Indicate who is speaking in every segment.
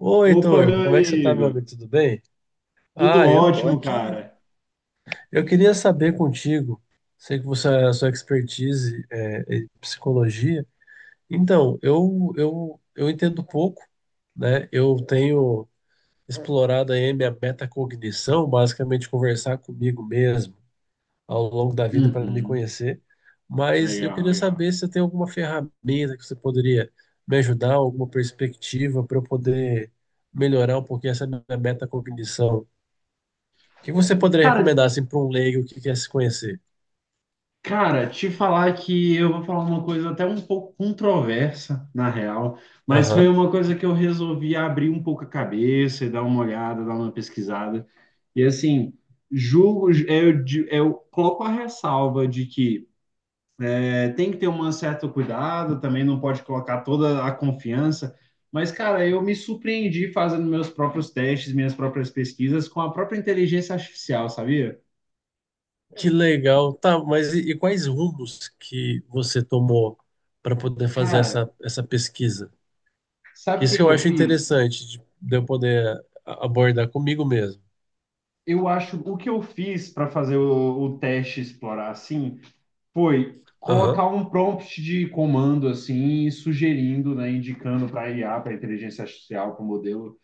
Speaker 1: Oi,
Speaker 2: Opa,
Speaker 1: Heitor,
Speaker 2: meu
Speaker 1: como é que você tá, meu
Speaker 2: amigo.
Speaker 1: amigo? Tudo bem?
Speaker 2: Tudo
Speaker 1: Ah, eu tô
Speaker 2: ótimo,
Speaker 1: aqui.
Speaker 2: cara.
Speaker 1: Eu queria saber contigo, sei que você, a sua expertise é em psicologia. Então, eu entendo pouco, né? Eu tenho explorado aí minha metacognição, basicamente conversar comigo mesmo ao longo da vida para me
Speaker 2: Uhum.
Speaker 1: conhecer. Mas eu
Speaker 2: Legal,
Speaker 1: queria
Speaker 2: legal.
Speaker 1: saber se você tem alguma ferramenta que você poderia me ajudar, alguma perspectiva para eu poder melhorar um pouquinho essa minha metacognição. O que você poderia
Speaker 2: Cara,
Speaker 1: recomendar assim, para um leigo que quer se conhecer?
Speaker 2: cara, te falar que eu vou falar uma coisa até um pouco controversa, na real, mas foi
Speaker 1: Aham.
Speaker 2: uma coisa que eu resolvi abrir um pouco a cabeça e dar uma olhada, dar uma pesquisada. E assim, julgo, eu, eu coloco a ressalva de que é, tem que ter um certo cuidado, também não pode colocar toda a confiança. Mas, cara, eu me surpreendi fazendo meus próprios testes, minhas próprias pesquisas com a própria inteligência artificial, sabia?
Speaker 1: Que legal. Tá, mas e quais rumos que você tomou para poder fazer
Speaker 2: Cara,
Speaker 1: essa pesquisa?
Speaker 2: sabe o
Speaker 1: Isso
Speaker 2: que
Speaker 1: que
Speaker 2: que
Speaker 1: eu
Speaker 2: eu
Speaker 1: acho
Speaker 2: fiz?
Speaker 1: interessante de eu poder abordar comigo mesmo.
Speaker 2: Eu acho o que eu fiz para fazer o teste explorar assim foi colocar
Speaker 1: Aham.
Speaker 2: um prompt de comando assim, sugerindo, né, indicando para a IA, para a inteligência artificial, para o modelo,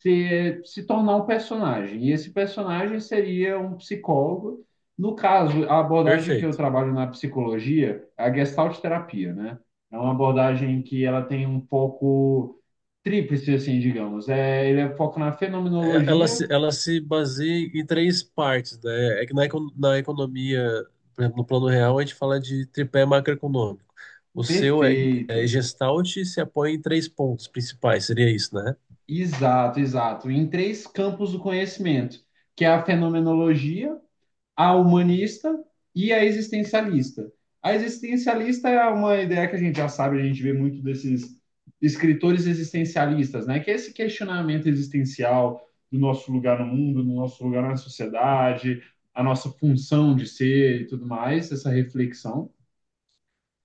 Speaker 2: se tornar um personagem. E esse personagem seria um psicólogo. No caso, a abordagem que eu
Speaker 1: Perfeito.
Speaker 2: trabalho na psicologia é a gestalt terapia, né? É uma abordagem que ela tem um pouco tríplice, assim, digamos. É, ele é foco na fenomenologia,
Speaker 1: Ela se baseia em três partes, né? É que na, na economia, por exemplo, no plano real, a gente fala de tripé macroeconômico. O seu é, é
Speaker 2: perfeito.
Speaker 1: Gestalt e se apoia em três pontos principais, seria isso, né?
Speaker 2: Exato, exato. Em três campos do conhecimento, que é a fenomenologia, a humanista e a existencialista. A existencialista é uma ideia que a gente já sabe, a gente vê muito desses escritores existencialistas, né? Que é esse questionamento existencial do nosso lugar no mundo, do nosso lugar na sociedade, a nossa função de ser e tudo mais, essa reflexão.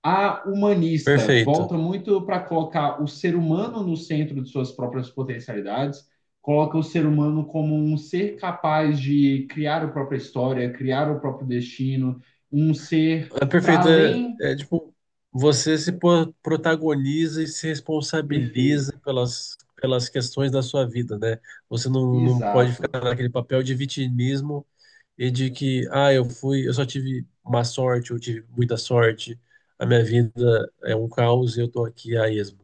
Speaker 2: A humanista
Speaker 1: Perfeito.
Speaker 2: volta muito para colocar o ser humano no centro de suas próprias potencialidades, coloca o ser humano como um ser capaz de criar a própria história, criar o próprio destino, um ser
Speaker 1: É
Speaker 2: para
Speaker 1: perfeito.
Speaker 2: além.
Speaker 1: É, é, tipo, você se po- protagoniza e se
Speaker 2: Perfeito.
Speaker 1: responsabiliza pelas, pelas questões da sua vida, né? Você não pode ficar
Speaker 2: Exato,
Speaker 1: naquele papel de vitimismo e de que, ah, eu fui, eu só tive má sorte, eu tive muita sorte, a minha vida é um caos e eu tô aqui a esmo.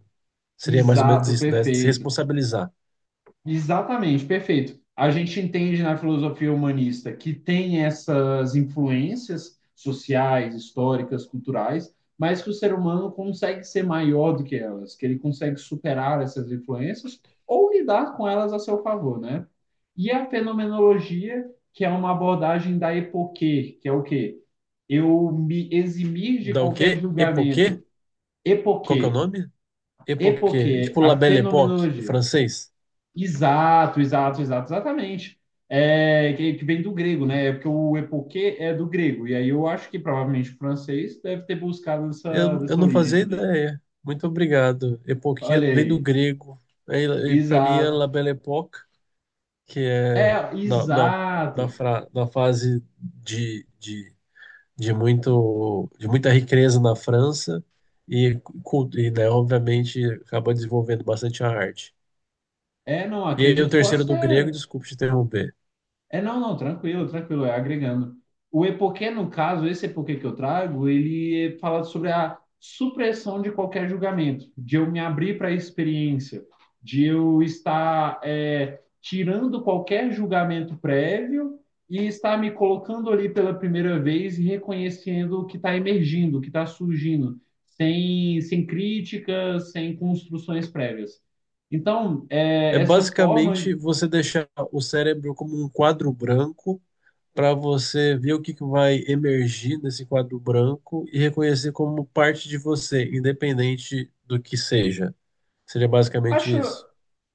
Speaker 1: Seria mais ou menos
Speaker 2: exato,
Speaker 1: isso, né? Se
Speaker 2: perfeito.
Speaker 1: responsabilizar.
Speaker 2: Exatamente, perfeito. A gente entende na filosofia humanista que tem essas influências sociais, históricas, culturais, mas que o ser humano consegue ser maior do que elas, que ele consegue superar essas influências ou lidar com elas a seu favor, né? E a fenomenologia, que é uma abordagem da epoquê, que é o quê? Eu me eximir de
Speaker 1: Da o
Speaker 2: qualquer
Speaker 1: quê? Epoquê?
Speaker 2: julgamento.
Speaker 1: Qual que é o
Speaker 2: Epoquê.
Speaker 1: nome? Époque,
Speaker 2: Epoquê,
Speaker 1: tipo La
Speaker 2: a
Speaker 1: Belle Époque, do
Speaker 2: fenomenologia.
Speaker 1: francês.
Speaker 2: Exato, exato, exato, exatamente. É, que vem do grego, né? É, porque o epoquê é do grego. E aí eu acho que provavelmente o francês deve ter buscado essa,
Speaker 1: Eu
Speaker 2: dessa
Speaker 1: não
Speaker 2: origem
Speaker 1: fazia
Speaker 2: também.
Speaker 1: ideia. Muito obrigado. Époque
Speaker 2: Olha
Speaker 1: vem do
Speaker 2: aí.
Speaker 1: grego. Aí, para mim é
Speaker 2: Exato.
Speaker 1: La Belle Époque, que é
Speaker 2: É,
Speaker 1: da, da,
Speaker 2: exato.
Speaker 1: da fase muito, de muita riqueza na França e, né, obviamente, acaba desenvolvendo bastante a arte.
Speaker 2: É, não,
Speaker 1: E aí, o
Speaker 2: acredito, pode
Speaker 1: terceiro do grego,
Speaker 2: ser.
Speaker 1: desculpe te interromper.
Speaker 2: É, não, não, tranquilo, tranquilo, é agregando. O epoquê, no caso, esse epoquê que eu trago, ele fala sobre a supressão de qualquer julgamento, de eu me abrir para a experiência, de eu estar é, tirando qualquer julgamento prévio e estar me colocando ali pela primeira vez e reconhecendo o que está emergindo, o que está surgindo, sem, sem críticas, sem construções prévias. Então, é,
Speaker 1: É
Speaker 2: essa forma,
Speaker 1: basicamente você deixar o cérebro como um quadro branco para você ver o que que vai emergir nesse quadro branco e reconhecer como parte de você, independente do que seja. Seria basicamente
Speaker 2: acho,
Speaker 1: isso.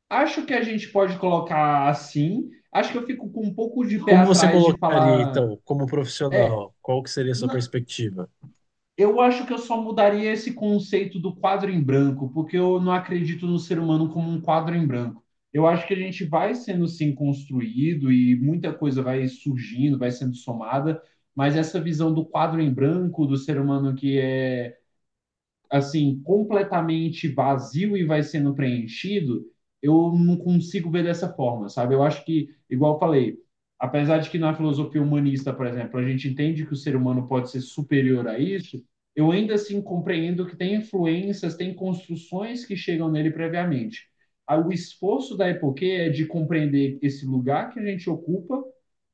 Speaker 2: Acho que a gente pode colocar assim. Acho que eu fico com um pouco de pé
Speaker 1: Como você
Speaker 2: atrás de
Speaker 1: colocaria,
Speaker 2: falar.
Speaker 1: então, como
Speaker 2: É,
Speaker 1: profissional? Qual que seria a sua
Speaker 2: na-
Speaker 1: perspectiva?
Speaker 2: eu acho que eu só mudaria esse conceito do quadro em branco, porque eu não acredito no ser humano como um quadro em branco. Eu acho que a gente vai sendo sim construído e muita coisa vai surgindo, vai sendo somada, mas essa visão do quadro em branco, do ser humano que é assim, completamente vazio e vai sendo preenchido, eu não consigo ver dessa forma, sabe? Eu acho que, igual eu falei, apesar de que na filosofia humanista, por exemplo, a gente entende que o ser humano pode ser superior a isso, eu ainda assim compreendo que tem influências, tem construções que chegam nele previamente. Ah, o esforço da Epoquê é de compreender esse lugar que a gente ocupa,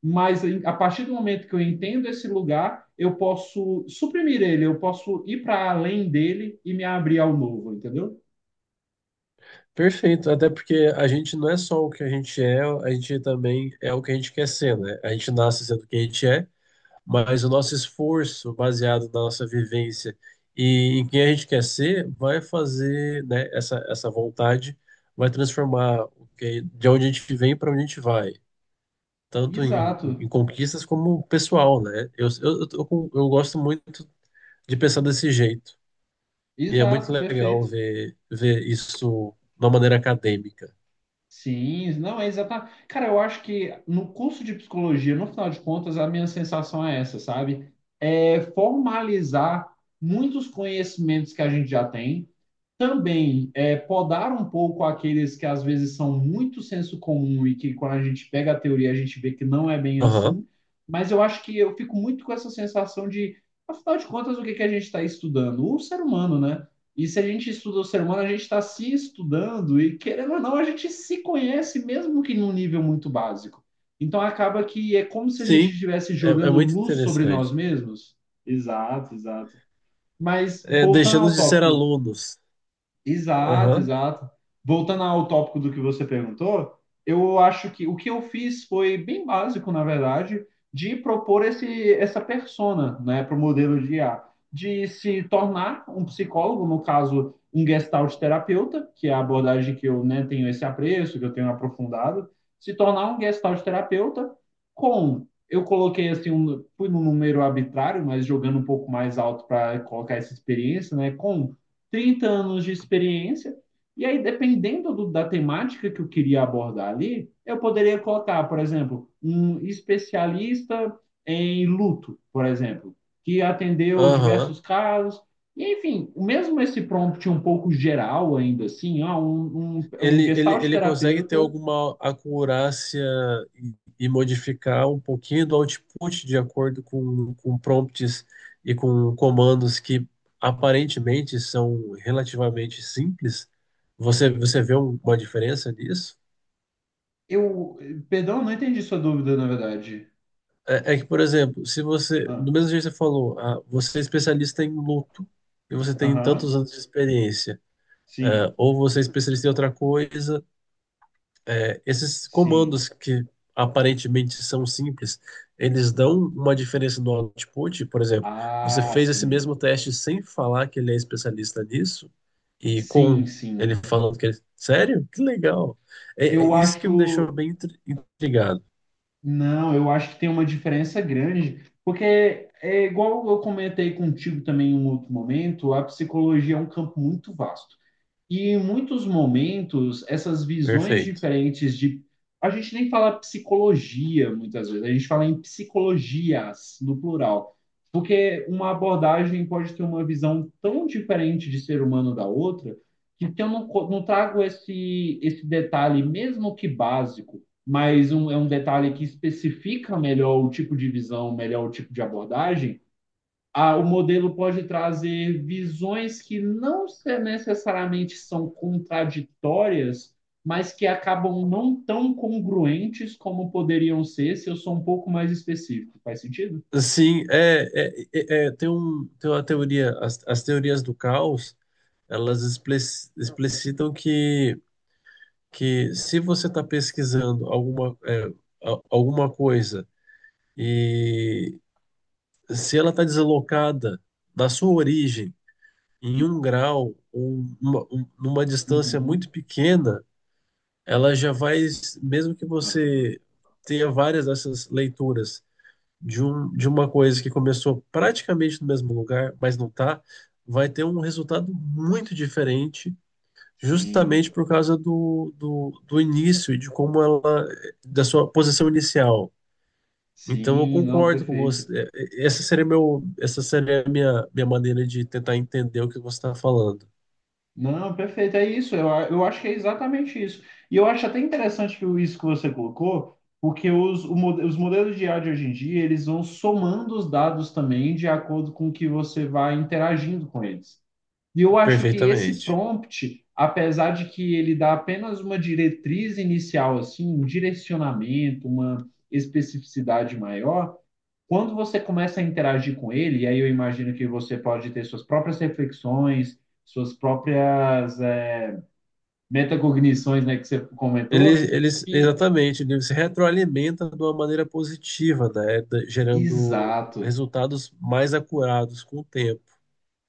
Speaker 2: mas a partir do momento que eu entendo esse lugar, eu posso suprimir ele, eu posso ir para além dele e me abrir ao novo, entendeu?
Speaker 1: Perfeito, até porque a gente não é só o que a gente é, a gente também é o que a gente quer ser, né? A gente nasce sendo o que a gente é. Mas o nosso esforço, baseado na nossa vivência e em quem a gente quer ser, vai fazer, né, essa vontade vai transformar de onde a gente vem para onde a gente vai, tanto em,
Speaker 2: Exato,
Speaker 1: em conquistas como pessoal, né? Eu gosto muito de pensar desse jeito. E é muito
Speaker 2: exato,
Speaker 1: legal
Speaker 2: perfeito.
Speaker 1: ver, ver isso de uma maneira acadêmica.
Speaker 2: Sim, não é exatamente. Cara, eu acho que no curso de psicologia, no final de contas, a minha sensação é essa, sabe? É formalizar muitos conhecimentos que a gente já tem. Também é, podar um pouco aqueles que às vezes são muito senso comum e que quando a gente pega a teoria a gente vê que não é bem
Speaker 1: Aham.
Speaker 2: assim, mas eu acho que eu fico muito com essa sensação de, afinal de contas, o que que a gente está estudando? O ser humano, né? E se a gente estuda o ser humano, a gente está se estudando e, querendo ou não, a gente se conhece, mesmo que num nível muito básico. Então acaba que é como se a gente
Speaker 1: Sim,
Speaker 2: estivesse
Speaker 1: é, é
Speaker 2: jogando
Speaker 1: muito
Speaker 2: luz sobre nós
Speaker 1: interessante.
Speaker 2: mesmos. Exato, exato. Mas
Speaker 1: É,
Speaker 2: voltando
Speaker 1: deixando
Speaker 2: ao
Speaker 1: de ser
Speaker 2: tópico.
Speaker 1: alunos.
Speaker 2: Exato,
Speaker 1: Aham,
Speaker 2: exato. Voltando ao tópico do que você perguntou, eu acho que o que eu fiz foi bem básico, na verdade, de propor esse, essa persona, né, para o modelo de IA, de se tornar um psicólogo, no caso, um gestalt terapeuta, que é a abordagem que eu, né, tenho esse apreço, que eu tenho aprofundado, se tornar um gestalt terapeuta com eu coloquei assim fui num número arbitrário, mas jogando um pouco mais alto para colocar essa experiência, né, com 30 anos de experiência. E aí, dependendo do- da temática que eu queria abordar ali, eu poderia colocar, por exemplo, um especialista em luto, por exemplo, que atendeu
Speaker 1: aham.
Speaker 2: diversos casos. E, enfim, mesmo esse prompt um pouco geral, ainda assim, ó, um
Speaker 1: Ele, ele,
Speaker 2: gestalt
Speaker 1: ele consegue ter
Speaker 2: terapeuta.
Speaker 1: alguma acurácia e, e modificar um pouquinho do output de acordo com prompts e com comandos que aparentemente são relativamente simples. Você vê uma diferença nisso?
Speaker 2: Eu, perdão, não entendi sua dúvida, na verdade.
Speaker 1: É, é que, por exemplo, se você, do
Speaker 2: Ah,
Speaker 1: mesmo jeito que você falou, ah, você é especialista em luto e você tem
Speaker 2: aham,
Speaker 1: tantos anos de experiência, ah,
Speaker 2: sim,
Speaker 1: ou você é especialista em outra coisa. Esses
Speaker 2: sim.
Speaker 1: comandos que aparentemente são simples, eles dão uma diferença no output. Por exemplo, você
Speaker 2: Ah,
Speaker 1: fez esse
Speaker 2: sim,
Speaker 1: mesmo teste sem falar que ele é especialista nisso, e com
Speaker 2: sim,
Speaker 1: ele
Speaker 2: sim.
Speaker 1: falando que ele. Sério? Que legal! É, é
Speaker 2: Eu
Speaker 1: isso que me deixou
Speaker 2: acho.
Speaker 1: bem intrigado.
Speaker 2: Não, eu acho que tem uma diferença grande, porque é igual eu comentei contigo também em um outro momento, a psicologia é um campo muito vasto. E em muitos momentos, essas visões
Speaker 1: Perfeito.
Speaker 2: diferentes de. A gente nem fala psicologia muitas vezes, a gente fala em psicologias, no plural. Porque uma abordagem pode ter uma visão tão diferente de ser humano da outra, que se eu não, não trago esse, esse detalhe, mesmo que básico, mas é um detalhe que especifica melhor o tipo de visão, melhor o tipo de abordagem, ah, o modelo pode trazer visões que não necessariamente são contraditórias, mas que acabam não tão congruentes como poderiam ser se eu sou um pouco mais específico. Faz sentido?
Speaker 1: Sim, tem, um, tem uma teoria, as teorias do caos, elas explicitam que se você está pesquisando alguma, é, alguma coisa e se ela está deslocada da sua origem em um grau ou numa distância
Speaker 2: Uhum.
Speaker 1: muito pequena, ela já vai, mesmo que
Speaker 2: Aham.
Speaker 1: você tenha várias dessas leituras de, um, de uma coisa que começou praticamente no mesmo lugar, mas não está, vai ter um resultado muito diferente justamente
Speaker 2: Sim,
Speaker 1: por causa do início e de como ela, da sua posição inicial. Então eu
Speaker 2: sim, não,
Speaker 1: concordo com
Speaker 2: perfeito.
Speaker 1: você. É, é, essa seria meu, essa seria a minha, minha maneira de tentar entender o que você está falando.
Speaker 2: Não, perfeito, é isso. Eu acho que é exatamente isso. E eu acho até interessante que isso que você colocou, porque os modelos de IA de hoje em dia, eles vão somando os dados também de acordo com o que você vai interagindo com eles. E eu acho que esse
Speaker 1: Perfeitamente.
Speaker 2: prompt, apesar de que ele dá apenas uma diretriz inicial, assim, um direcionamento, uma especificidade maior, quando você começa a interagir com ele, e aí eu imagino que você pode ter suas próprias reflexões, suas próprias é, metacognições, né, que você comentou, e
Speaker 1: Exatamente, ele se retroalimenta de uma maneira positiva, né? Gerando
Speaker 2: exato,
Speaker 1: resultados mais acurados com o tempo.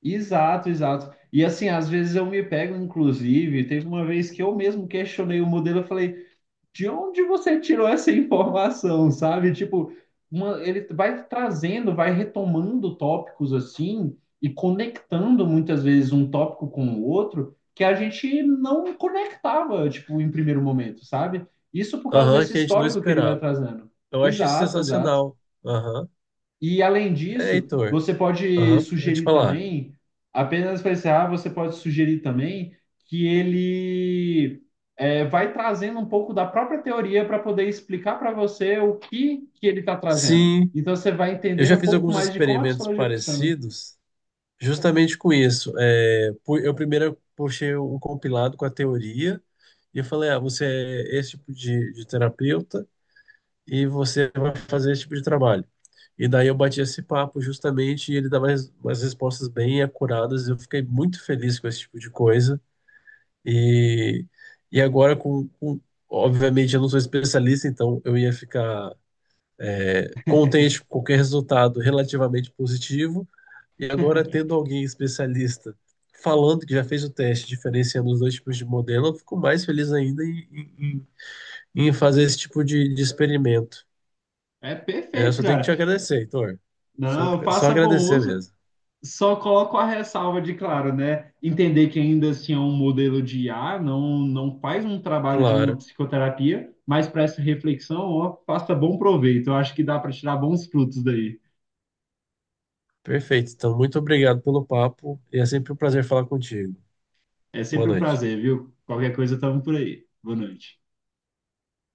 Speaker 2: exato, exato. E assim, às vezes eu me pego, inclusive, teve uma vez que eu mesmo questionei o modelo, eu falei, de onde você tirou essa informação, sabe? Tipo, ele vai trazendo, vai retomando tópicos assim e conectando muitas vezes um tópico com o outro que a gente não conectava, tipo, em primeiro momento, sabe? Isso por causa
Speaker 1: Aham,
Speaker 2: desse
Speaker 1: que a gente não
Speaker 2: histórico que ele vai
Speaker 1: esperava.
Speaker 2: trazendo.
Speaker 1: Eu acho isso
Speaker 2: Exato, exato.
Speaker 1: sensacional. Aham.
Speaker 2: E além
Speaker 1: É,
Speaker 2: disso,
Speaker 1: Heitor.
Speaker 2: você pode
Speaker 1: Aham, pode
Speaker 2: sugerir
Speaker 1: falar.
Speaker 2: também, apenas para encerrar, você pode sugerir também que ele é, vai trazendo um pouco da própria teoria para poder explicar para você o que ele está trazendo.
Speaker 1: Sim,
Speaker 2: Então você vai
Speaker 1: eu
Speaker 2: entendendo
Speaker 1: já
Speaker 2: um
Speaker 1: fiz
Speaker 2: pouco
Speaker 1: alguns
Speaker 2: mais de como a
Speaker 1: experimentos
Speaker 2: psicologia funciona.
Speaker 1: parecidos justamente com isso. É, eu primeiro puxei um compilado com a teoria e eu falei, ah, você é esse tipo de terapeuta e você vai fazer esse tipo de trabalho. E daí eu bati esse papo justamente e ele dava umas respostas bem acuradas. Eu fiquei muito feliz com esse tipo de coisa. E, e agora com... Obviamente eu não sou especialista, então eu ia ficar é, contente com qualquer resultado relativamente positivo, e agora, tendo alguém especialista falando que já fez o teste, diferenciando os dois tipos de modelo, eu fico mais feliz ainda em fazer esse tipo de experimento.
Speaker 2: É
Speaker 1: É, eu
Speaker 2: perfeito,
Speaker 1: só tenho que te
Speaker 2: cara.
Speaker 1: agradecer, Heitor. Só,
Speaker 2: Não,
Speaker 1: só
Speaker 2: faça bom
Speaker 1: agradecer
Speaker 2: uso.
Speaker 1: mesmo.
Speaker 2: Só coloco a ressalva de, claro, né? Entender que ainda assim é um modelo de IA, não, não faz um trabalho de uma
Speaker 1: Claro.
Speaker 2: psicoterapia, mas para essa reflexão, ó, faça bom proveito. Eu acho que dá para tirar bons frutos daí.
Speaker 1: Perfeito. Então, muito obrigado pelo papo e é sempre um prazer falar contigo.
Speaker 2: É
Speaker 1: Boa
Speaker 2: sempre um
Speaker 1: noite.
Speaker 2: prazer, viu? Qualquer coisa, estamos por aí. Boa noite.